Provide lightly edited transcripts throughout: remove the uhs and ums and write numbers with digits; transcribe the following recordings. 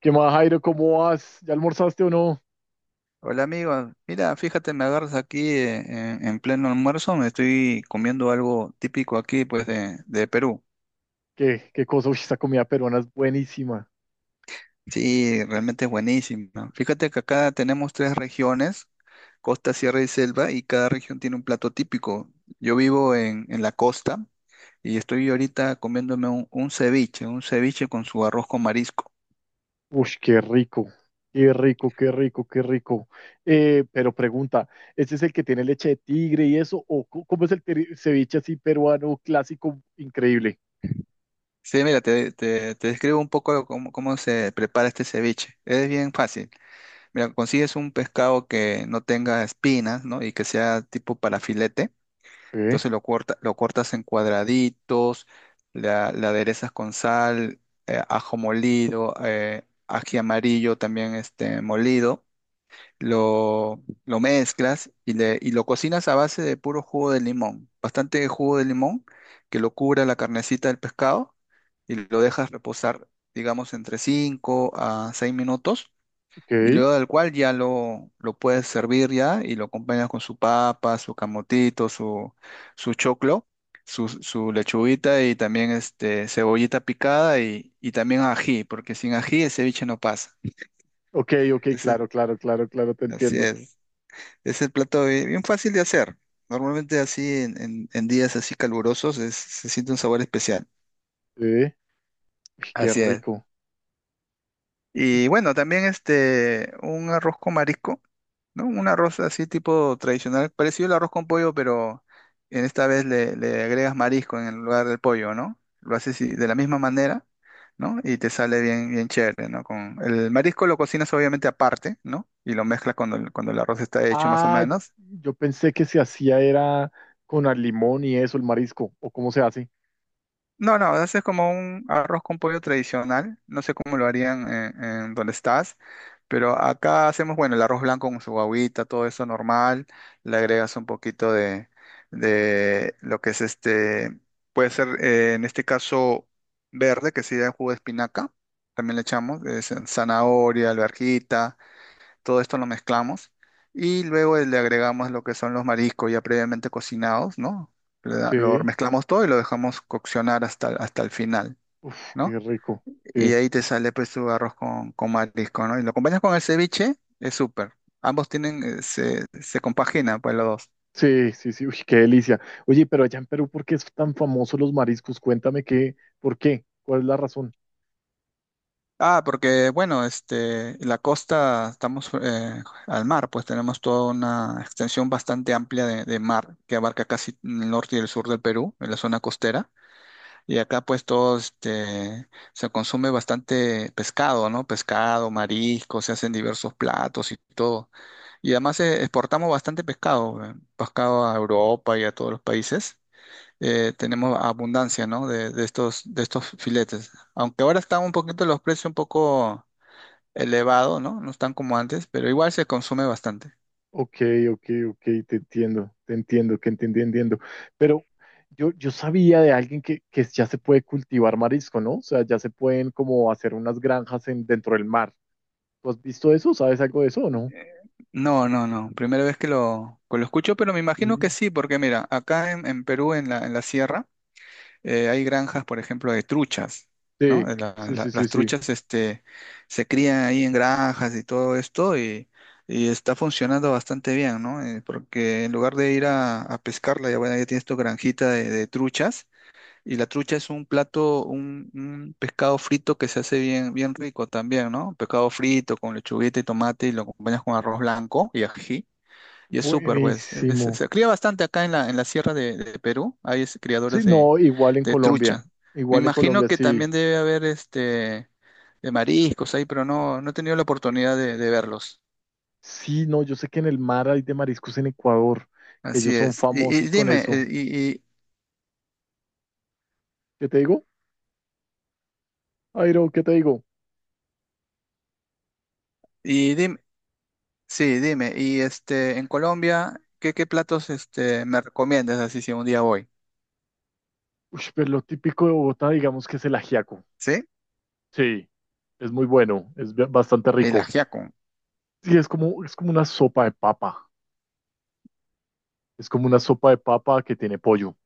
¿Qué más, Jairo? ¿Cómo vas? ¿Ya almorzaste o no? Hola amigo, mira, fíjate, me agarras aquí en pleno almuerzo, me estoy comiendo algo típico aquí pues de Perú. ¿Qué, qué cosa? Uy, esta comida peruana es buenísima. Sí, realmente es buenísimo. Fíjate que acá tenemos tres regiones, costa, sierra y selva, y cada región tiene un plato típico. Yo vivo en la costa y estoy ahorita comiéndome un ceviche, un ceviche con su arroz con marisco. Uy, qué rico. Qué rico, qué rico, qué rico. Pero pregunta, ¿este es el que tiene leche de tigre y eso? ¿O cómo es el ceviche así peruano clásico increíble? Sí, mira, te describo un poco cómo se prepara este ceviche. Es bien fácil. Mira, consigues un pescado que no tenga espinas, ¿no? Y que sea tipo para filete. ¿Eh? Entonces lo cortas en cuadraditos, la aderezas con sal, ajo molido, ají amarillo también este, molido. Lo mezclas y lo cocinas a base de puro jugo de limón. Bastante jugo de limón que lo cubra la carnecita del pescado y lo dejas reposar, digamos, entre 5 a 6 minutos, Ok, y luego del cual ya lo puedes servir ya y lo acompañas con su papa, su camotito, su choclo, su lechuguita y también este, cebollita picada y también ají, porque sin ají el ceviche no pasa. ok, ok, Ese, claro, claro, claro, claro, te así entiendo. es. Es el plato bien fácil de hacer. Normalmente así en días así calurosos se siente un sabor especial. ¿Eh? Uy, qué Así es. rico. Y bueno, también este, un arroz con marisco, ¿no? Un arroz así tipo tradicional, parecido al arroz con pollo, pero en esta vez le agregas marisco en el lugar del pollo, ¿no? Lo haces de la misma manera, ¿no? Y te sale bien, bien chévere, ¿no? Con el marisco lo cocinas obviamente aparte, ¿no? Y lo mezclas cuando el arroz está hecho más o Ah, menos. yo pensé que se hacía era con al limón y eso, el marisco. ¿O cómo se hace? No, no, haces como un arroz con pollo tradicional. No sé cómo lo harían en donde estás, pero acá hacemos, bueno, el arroz blanco con su agüita, todo eso normal. Le agregas un poquito de lo que es este, puede ser en este caso verde, que sería el jugo de espinaca. También le echamos zanahoria, alverjita. Todo esto lo mezclamos y luego le agregamos lo que son los mariscos ya previamente cocinados, ¿no? Lo Sí. mezclamos todo y lo dejamos coccionar hasta el final, Uf, qué ¿no? rico. Y Sí, ahí te sale pues tu arroz con marisco, ¿no? Y lo acompañas con el ceviche, es súper. Ambos tienen, se compagina pues los dos. sí, sí, sí. Uy, qué delicia. Oye, pero allá en Perú, ¿por qué es tan famoso los mariscos? Cuéntame qué, ¿por qué? ¿Cuál es la razón? Ah, porque bueno, este, la costa, estamos al mar, pues tenemos toda una extensión bastante amplia de mar que abarca casi el norte y el sur del Perú, en la zona costera. Y acá pues todo este, se consume bastante pescado, ¿no? Pescado, marisco, se hacen diversos platos y todo. Y además exportamos bastante pescado, pescado a Europa y a todos los países. Tenemos abundancia, ¿no? De estos filetes. Aunque ahora están un poquito los precios un poco elevados, ¿no? No están como antes, pero igual se consume bastante. Ok, ok, ok, te entiendo, que entendí, entiendo. Pero yo sabía de alguien que ya se puede cultivar marisco, ¿no? O sea, ya se pueden como hacer unas granjas en, dentro del mar. ¿Tú has visto eso? ¿Sabes algo de eso o no? No, no, no. Primera vez que lo escucho, pero me imagino que Sí. sí, porque mira, acá en Perú, en la sierra, hay granjas, por ejemplo, de truchas, ¿no? Sí, De la- sí, la- sí, sí, las sí. truchas este, se crían ahí en granjas y todo esto y está funcionando bastante bien, ¿no? Porque en lugar de ir a pescarla, ya, bueno, ya tienes tu granjita de truchas y la trucha es un plato, un pescado frito que se hace bien, bien rico también, ¿no? Pescado frito con lechuguita y tomate y lo acompañas con arroz blanco y ají. Y es súper, pues. Buenísimo. Se cría bastante acá en la sierra de Perú. Hay Sí, criadores de, no, igual en de Colombia. trucha. Me Igual en imagino Colombia, que sí. también debe haber este de mariscos ahí, pero no, no he tenido la oportunidad de verlos. Sí, no, yo sé que en el mar hay de mariscos en Ecuador, que Así ellos son es. Y famosos con dime, eso. y, y, ¿Qué te digo? Airo, ¿qué te digo? y dime, sí, dime, y este, en Colombia, ¿qué, platos este me recomiendas así si un día voy? Uy, pero lo típico de Bogotá, digamos que es el ajiaco. ¿Sí? Sí, es muy bueno, es bastante El rico. ajiaco, Sí, es como una sopa de papa. Es como una sopa de papa que tiene pollo.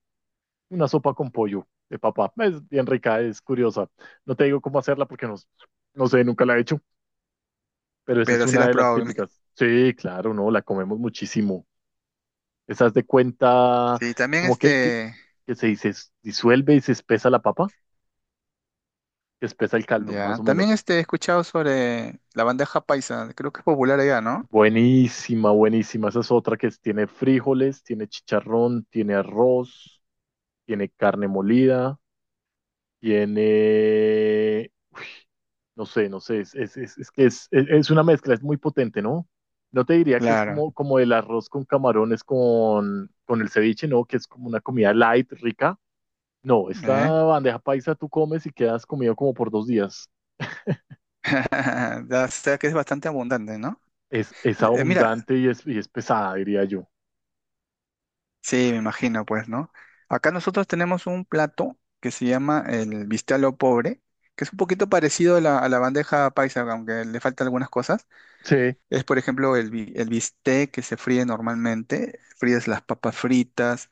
Una sopa con pollo de papa. Es bien rica, es curiosa. No te digo cómo hacerla porque no, no sé, nunca la he hecho, pero esa es pero sí una las de las probado. típicas. Sí, claro, no, la comemos muchísimo. ¿Estás de cuenta Sí, también como este. que se dice, disuelve y se espesa la papa? Que espesa el caldo, más Ya, o también menos. este, he escuchado sobre la bandeja paisa, creo que es popular allá, ¿no? Buenísima, buenísima. Esa es otra que tiene frijoles, tiene chicharrón, tiene arroz, tiene carne molida, tiene... No sé, no sé, es una mezcla, es muy potente, ¿no? No te diría que es Claro, como, como el arroz con camarones con el ceviche, ¿no? Que es como una comida light, rica. No, ¿eh? esta bandeja paisa tú comes y quedas comido como por 2 días. Ya, o sea que es bastante abundante, ¿no? Es Mira, abundante y es pesada, diría yo. sí, me imagino, pues, ¿no? Acá nosotros tenemos un plato que se llama el bistec a lo pobre, que es un poquito parecido a la bandeja paisa, aunque le faltan algunas cosas. Sí, Es, por ejemplo, el bistec que se fríe normalmente, fríes las papas fritas.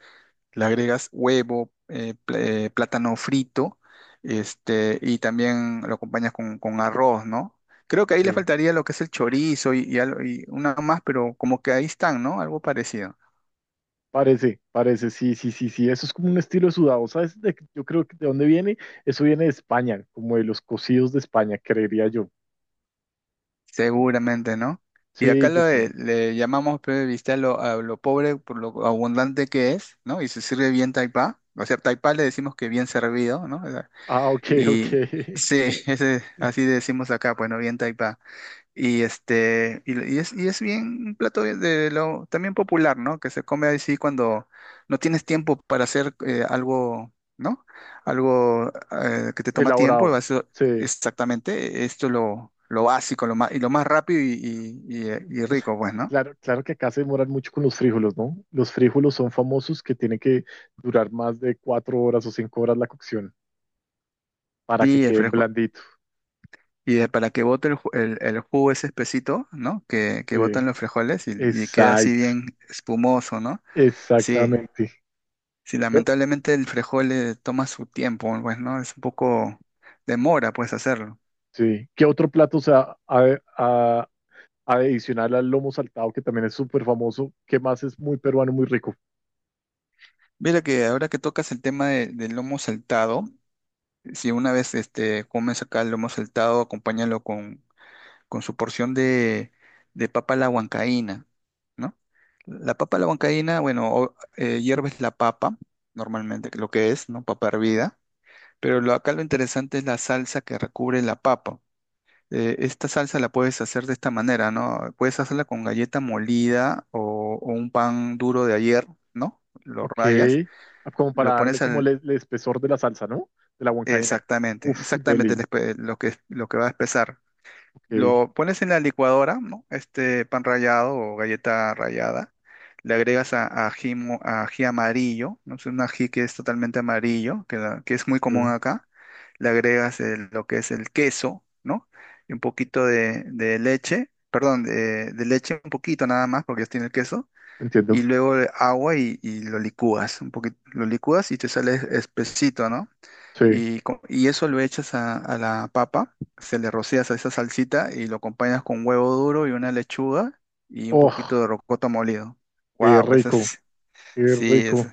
Le agregas huevo, plátano frito, este, y también lo acompañas con arroz, ¿no? Creo que ahí le sí. faltaría lo que es el chorizo y una más, pero como que ahí están, ¿no? Algo parecido, Parece, parece, sí, sí, sí, sí. Eso es como un estilo sudado, ¿sabes? De- yo creo que de dónde viene. Eso viene de España, como de los cocidos de España, creería yo. seguramente, ¿no? Y acá Sí, lo yo de- creo. le llamamos, pues, viste, a lo pobre por lo abundante que es, ¿no? Y se sirve bien taipá. O sea, taipá le decimos que bien servido, ¿no? O sea. Ah, ok, ok. Y sí, ese, así decimos acá, pues no bien taipá. Y este, y es bien un plato de lo también popular, ¿no? Que se come así cuando no tienes tiempo para hacer algo, ¿no? Algo que te toma tiempo, Elaborado. Ser Sí. exactamente, esto es lo básico, lo más, y lo más rápido y rico, pues, ¿no? Claro, claro que acá se demoran mucho con los frijoles, ¿no? Los frijoles son famosos que tienen que durar más de 4 horas o 5 horas la cocción para que Y, el queden frejo- blanditos. y para que bote el jugo ese espesito, ¿no? Que botan Sí, los frijoles y queda así exacto, bien espumoso, ¿no? Sí, exactamente. sí, Yo- lamentablemente el frejol le toma su tiempo, pues, ¿no? Es un poco demora, pues, hacerlo. sí. ¿Qué otro plato, o sea, adicional al lomo saltado, que también es súper famoso, que más es muy peruano, muy rico? Mira que ahora que tocas el tema del lomo saltado, si una vez este, comes acá el lomo saltado, acompáñalo con su porción de papa a la huancaína, ¿no? La papa a la huancaína, bueno, hierves la papa, normalmente, que lo que es, ¿no? Papa hervida, pero acá lo interesante es la salsa que recubre la papa. Esta salsa la puedes hacer de esta manera, ¿no? Puedes hacerla con galleta molida o un pan duro de ayer, ¿no? Lo Ok, rayas, ah, como para lo darle pones como al. el espesor de la salsa, ¿no? De la huancaína. Exactamente, Uf, exactamente el deli, espe- lo que va a espesar. ok, Lo pones en la licuadora, ¿no? Este pan rallado o galleta rallada. Le agregas ají amarillo, ¿no? Es un ají que es totalmente amarillo, que es muy común acá. Le agregas lo que es el queso, ¿no? Y un poquito de leche, perdón, de leche, un poquito nada más, porque ya tiene el queso y entiendo, luego el agua y lo licúas, un poquito, lo licúas y te sale espesito, ¿no? sí. Y eso lo echas a la papa, se le rocías a esa salsita y lo acompañas con huevo duro y una lechuga y un Oh, poquito de rocoto molido. qué ¡Wow! Eso rico, es, qué sí, es rico.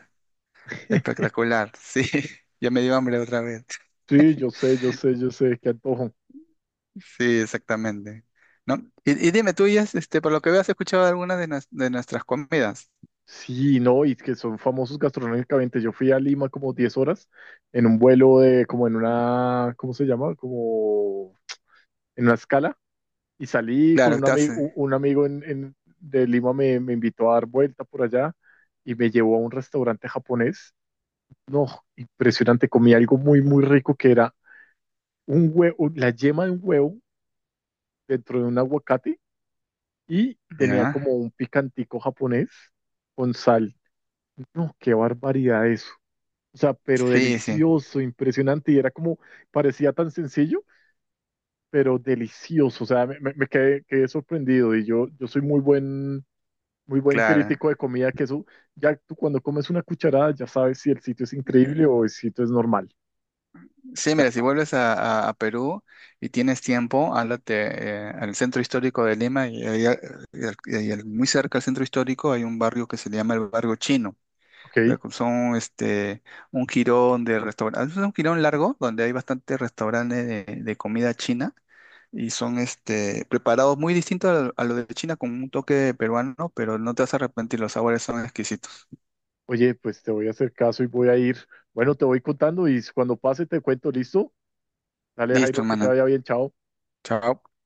espectacular. Sí, ya me dio hambre otra vez. Sí, yo sé, yo sé, yo sé, qué antojo. Sí, exactamente. ¿No? Y dime, tú ya, este, por lo que veo, has escuchado alguna de nuestras comidas. Sí, no, y que son famosos gastronómicamente. Yo fui a Lima como 10 horas en un vuelo de, como en una, ¿cómo se llama? Como en una escala. Y salí con Claro, estás. Un amigo en, de Lima me, me invitó a dar vuelta por allá y me llevó a un restaurante japonés. No, impresionante. Comí algo muy, muy rico que era un huevo, la yema de un huevo dentro de un aguacate y tenía ¿Ya? como un picantico japonés con sal. No, qué barbaridad eso. O sea, pero Sí, sí, delicioso, impresionante. Y era como, parecía tan sencillo, pero delicioso. O sea, me quedé, quedé sorprendido. Yo soy muy buen claro. crítico de comida, que eso, ya tú cuando comes una cucharada, ya sabes si el sitio es increíble o el sitio es normal. Sí, Ya mira, si sabes. vuelves a Perú y tienes tiempo, háblate al centro histórico de Lima y, ahí a- y al- muy cerca al centro histórico hay un barrio que se llama el barrio chino. Ok. Son este, un jirón de restaurantes, es un jirón largo donde hay bastantes restaurantes de comida china y son este, preparados muy distintos a lo de China con un toque peruano, pero no te vas a arrepentir, los sabores son exquisitos. Oye, pues te voy a hacer caso y voy a ir. Bueno, te voy contando y cuando pase te cuento, ¿listo? Dale, Listo, Jairo, que te hermano. vaya bien, chao. Chao.